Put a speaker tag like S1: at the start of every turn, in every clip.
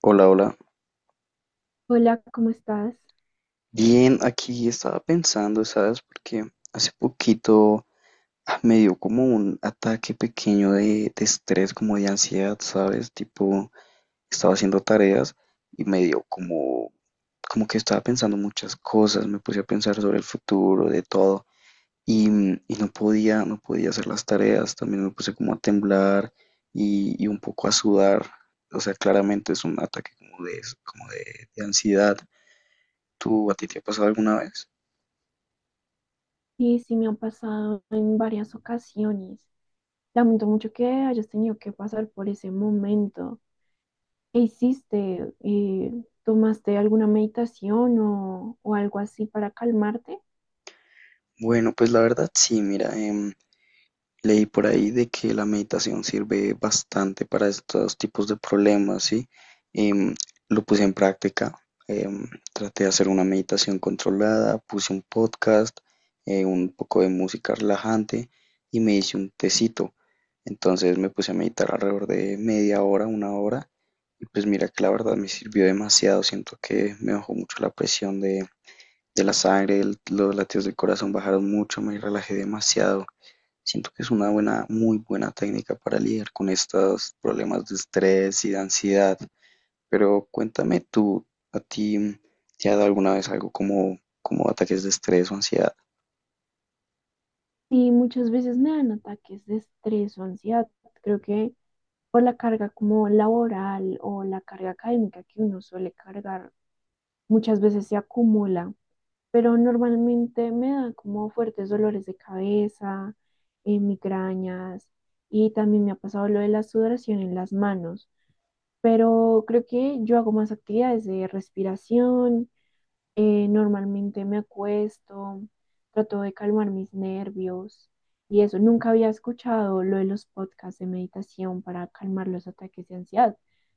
S1: Hola, hola.
S2: Hola, ¿cómo estás?
S1: Bien, aquí estaba pensando, ¿sabes? Porque hace poquito me dio como un ataque pequeño de estrés, como de ansiedad, ¿sabes? Tipo, estaba haciendo tareas y me dio como, como que estaba pensando muchas cosas, me puse a pensar sobre el futuro, de todo, y no podía hacer las tareas, también me puse como a temblar y un poco a sudar. O sea, claramente es un ataque como de, como de ansiedad. ¿Tú a ti te ha pasado alguna vez?
S2: Sí, sí, me han pasado en varias ocasiones. Lamento mucho que hayas tenido que pasar por ese momento. ¿Qué hiciste? ¿Tomaste alguna meditación o algo así para calmarte?
S1: Bueno, pues la verdad sí, mira, leí por ahí de que la meditación sirve bastante para estos tipos de problemas, ¿sí? Em, lo puse en práctica, traté de hacer una meditación controlada, puse un podcast, un poco de música relajante y me hice un tecito. Entonces me puse a meditar alrededor de media hora, una hora, y pues mira que la verdad me sirvió demasiado, siento que me bajó mucho la presión de la sangre, los latidos del corazón bajaron mucho, me relajé demasiado. Siento que es una buena, muy buena técnica para lidiar con estos problemas de estrés y de ansiedad. Pero cuéntame tú, ¿a ti te ha dado alguna vez algo como, como ataques de estrés o ansiedad?
S2: Y muchas veces me dan ataques de estrés o ansiedad. Creo que por la carga como laboral o la carga académica que uno suele cargar, muchas veces se acumula. Pero normalmente me da como fuertes dolores de cabeza, migrañas y también me ha pasado lo de la sudoración en las manos, pero creo que yo hago más actividades de respiración. Normalmente me acuesto, trato de calmar mis nervios y eso, nunca había escuchado lo de los podcasts de meditación para calmar los ataques de ansiedad.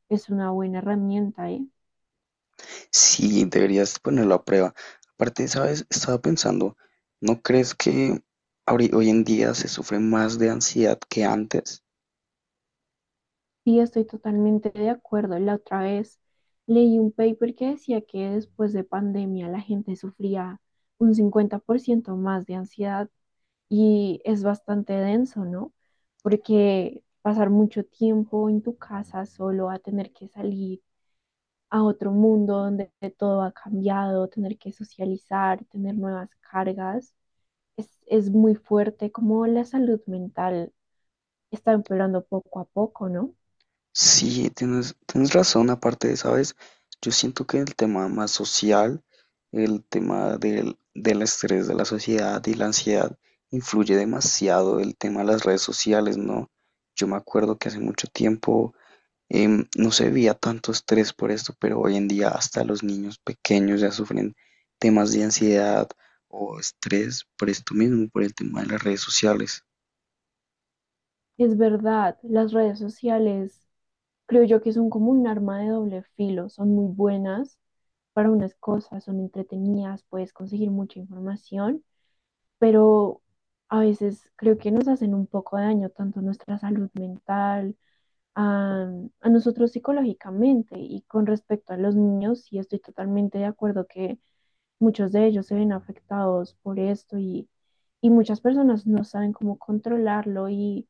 S2: Es una buena herramienta, ¿eh?
S1: Sí, deberías ponerlo a prueba. Aparte, ¿sabes? Estaba pensando, ¿no crees que hoy en día se sufre más de ansiedad que antes?
S2: Sí, estoy totalmente de acuerdo. La otra vez leí un paper que decía que después de pandemia la gente sufría un 50% más de ansiedad y es bastante denso, ¿no? Porque pasar mucho tiempo en tu casa solo a tener que salir a otro mundo donde todo ha cambiado, tener que socializar, tener nuevas cargas, es muy fuerte como la salud mental está empeorando poco a poco, ¿no?
S1: Sí, tienes razón, aparte de, ¿sabes? Yo siento que el tema más social, el tema del estrés de la sociedad y la ansiedad, influye demasiado el tema de las redes sociales, ¿no? Yo me acuerdo que hace mucho tiempo no se veía tanto estrés por esto, pero hoy en día hasta los niños pequeños ya sufren temas de ansiedad o estrés por esto mismo, por el tema de las redes sociales.
S2: Es verdad, las redes sociales creo yo que son como un arma de doble filo, son muy buenas para unas cosas, son entretenidas, puedes conseguir mucha información, pero a veces creo que nos hacen un poco de daño tanto a nuestra salud mental, a, a nosotros psicológicamente, y con respecto a los niños, sí, estoy totalmente de acuerdo que muchos de ellos se ven afectados por esto, y muchas personas no saben cómo controlarlo,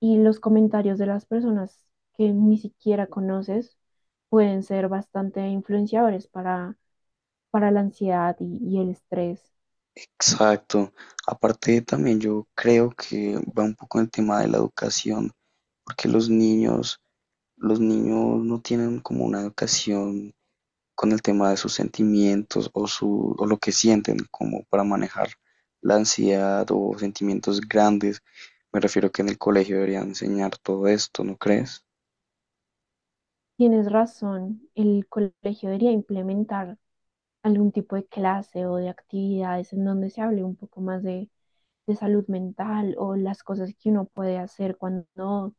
S2: y los comentarios de las personas que ni siquiera conoces pueden ser bastante influenciadores para la ansiedad y el estrés.
S1: Exacto. Aparte también yo creo que va un poco el tema de la educación, porque los niños no tienen como una educación con el tema de sus sentimientos o su, o lo que sienten como para manejar la ansiedad o sentimientos grandes. Me refiero que en el colegio deberían enseñar todo esto, ¿no crees?
S2: Tienes razón, el colegio debería implementar algún tipo de clase o de actividades en donde se hable un poco más de salud mental o las cosas que uno puede hacer cuando no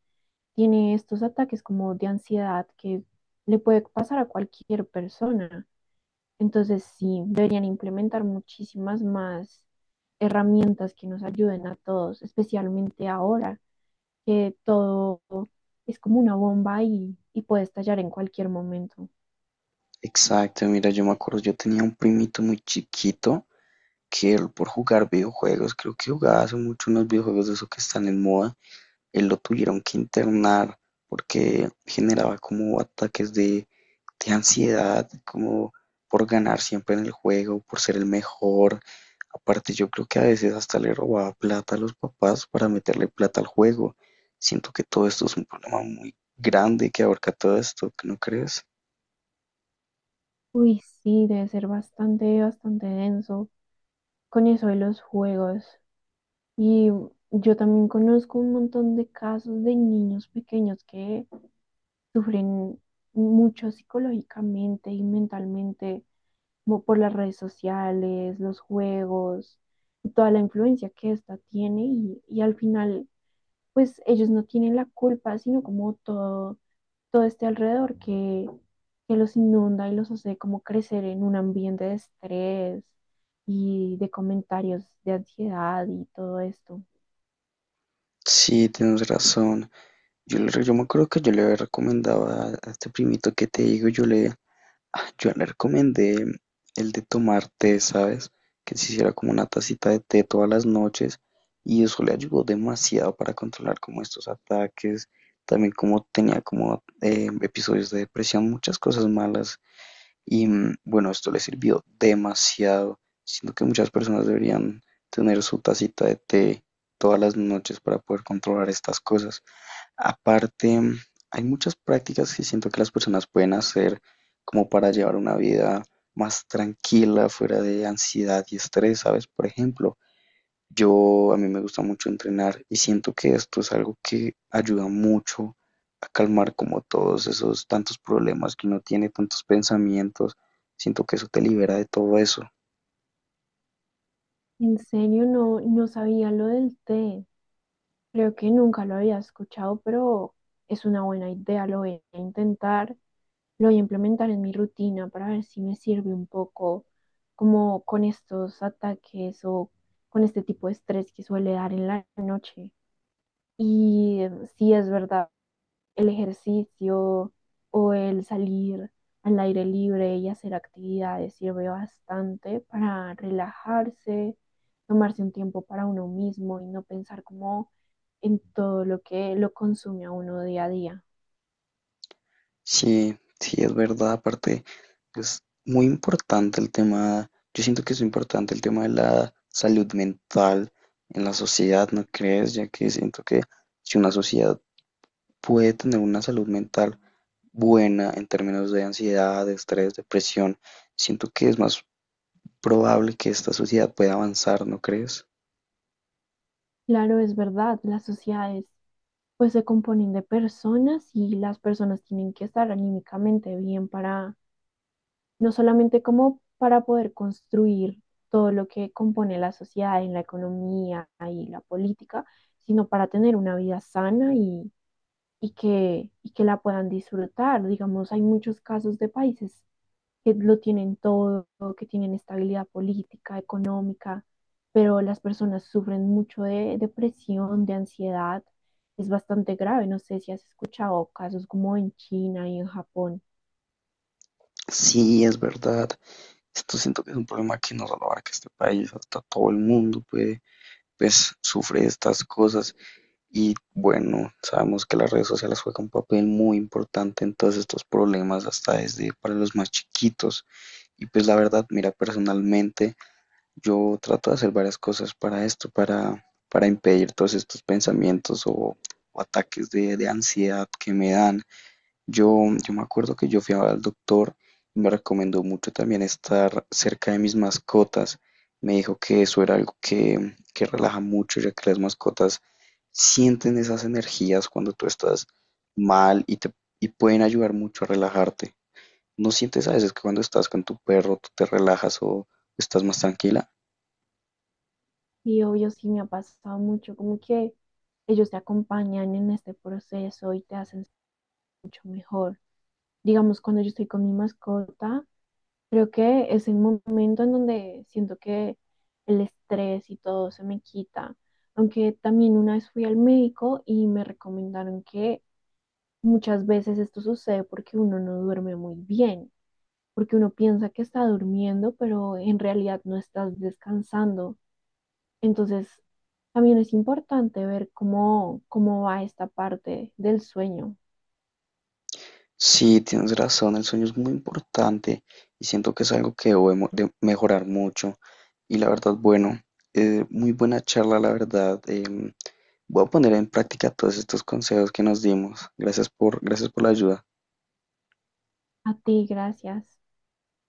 S2: tiene estos ataques como de ansiedad que le puede pasar a cualquier persona. Entonces, sí, deberían implementar muchísimas más herramientas que nos ayuden a todos, especialmente ahora que todo es como una bomba y puede estallar en cualquier momento.
S1: Exacto, mira, yo me acuerdo, yo tenía un primito muy chiquito que él por jugar videojuegos, creo que jugaba hace mucho unos videojuegos de esos que están en moda, lo tuvieron que internar porque generaba como ataques de ansiedad, como por ganar siempre en el juego, por ser el mejor. Aparte, yo creo que a veces hasta le robaba plata a los papás para meterle plata al juego. Siento que todo esto es un problema muy grande que abarca todo esto, ¿no crees?
S2: Uy, sí, debe ser bastante, bastante denso con eso de los juegos. Y yo también conozco un montón de casos de niños pequeños que sufren mucho psicológicamente y mentalmente como por las redes sociales, los juegos, y toda la influencia que esta tiene y al final, pues ellos no tienen la culpa, sino como todo todo este alrededor que los inunda y los hace como crecer en un ambiente de estrés y de comentarios de ansiedad y todo esto.
S1: Sí, tienes razón. Yo me acuerdo que yo le, recomendaba a este primito que te digo, yo le recomendé el de tomar té, ¿sabes? Que se hiciera como una tacita de té todas las noches y eso le ayudó demasiado para controlar como estos ataques, también como tenía como episodios de depresión, muchas cosas malas y bueno, esto le sirvió demasiado. Siento que muchas personas deberían tener su tacita de té todas las noches para poder controlar estas cosas. Aparte, hay muchas prácticas que siento que las personas pueden hacer como para llevar una vida más tranquila, fuera de ansiedad y estrés, ¿sabes? Por ejemplo, yo a mí me gusta mucho entrenar y siento que esto es algo que ayuda mucho a calmar como todos esos tantos problemas que uno tiene, tantos pensamientos. Siento que eso te libera de todo eso.
S2: En serio, no, no sabía lo del té. Creo que nunca lo había escuchado, pero es una buena idea. Lo voy a intentar, lo voy a implementar en mi rutina para ver si me sirve un poco como con estos ataques o con este tipo de estrés que suele dar en la noche. Y sí, es verdad, el ejercicio o el salir al aire libre y hacer actividades sirve bastante para relajarse, tomarse un tiempo para uno mismo y no pensar como en todo lo que lo consume a uno día a día.
S1: Sí, sí, es verdad. Aparte, es muy importante el tema, yo siento que es importante el tema de la salud mental en la sociedad, ¿no crees? Ya que siento que si una sociedad puede tener una salud mental buena en términos de ansiedad, de estrés, depresión, siento que es más probable que esta sociedad pueda avanzar, ¿no crees?
S2: Claro, es verdad, las sociedades pues se componen de personas y las personas tienen que estar anímicamente bien para no solamente como para poder construir todo lo que compone la sociedad en la economía y la política, sino para tener una vida sana y y que la puedan disfrutar. Digamos, hay muchos casos de países que lo tienen todo, que tienen estabilidad política, económica, pero las personas sufren mucho de depresión, de ansiedad. Es bastante grave. No sé si has escuchado casos como en China y en Japón.
S1: Sí, es verdad. Esto siento que es un problema que no solo abarca este país, hasta todo el mundo puede, pues, sufre de estas cosas. Y bueno, sabemos que las redes sociales juegan un papel muy importante en todos estos problemas, hasta desde para los más chiquitos. Y pues la verdad, mira, personalmente yo trato de hacer varias cosas para esto, para impedir todos estos pensamientos o ataques de ansiedad que me dan. Yo, yo me acuerdo que yo fui al doctor y me recomendó mucho también estar cerca de mis mascotas. Me dijo que eso era algo que relaja mucho, ya que las mascotas sienten esas energías cuando tú estás mal y te y pueden ayudar mucho a relajarte. ¿No sientes a veces que cuando estás con tu perro tú te relajas o estás más tranquila?
S2: Y obvio, sí, me ha pasado mucho, como que ellos te acompañan en este proceso y te hacen, digamos, cuando yo estoy con mi mascota, creo que es el momento en donde siento que el estrés y todo se me quita. Aunque también una vez fui al médico y me recomendaron que muchas veces esto sucede porque uno no duerme muy bien, porque uno piensa que está durmiendo, pero en realidad no estás descansando. Entonces, también es importante ver cómo, cómo va esta parte del sueño.
S1: Sí, tienes razón, el sueño es muy importante y siento que es algo que debo de mejorar mucho. Y la verdad, bueno, muy buena charla, la verdad. Voy a poner en práctica todos estos consejos que nos dimos. Gracias por la ayuda.
S2: A ti, gracias.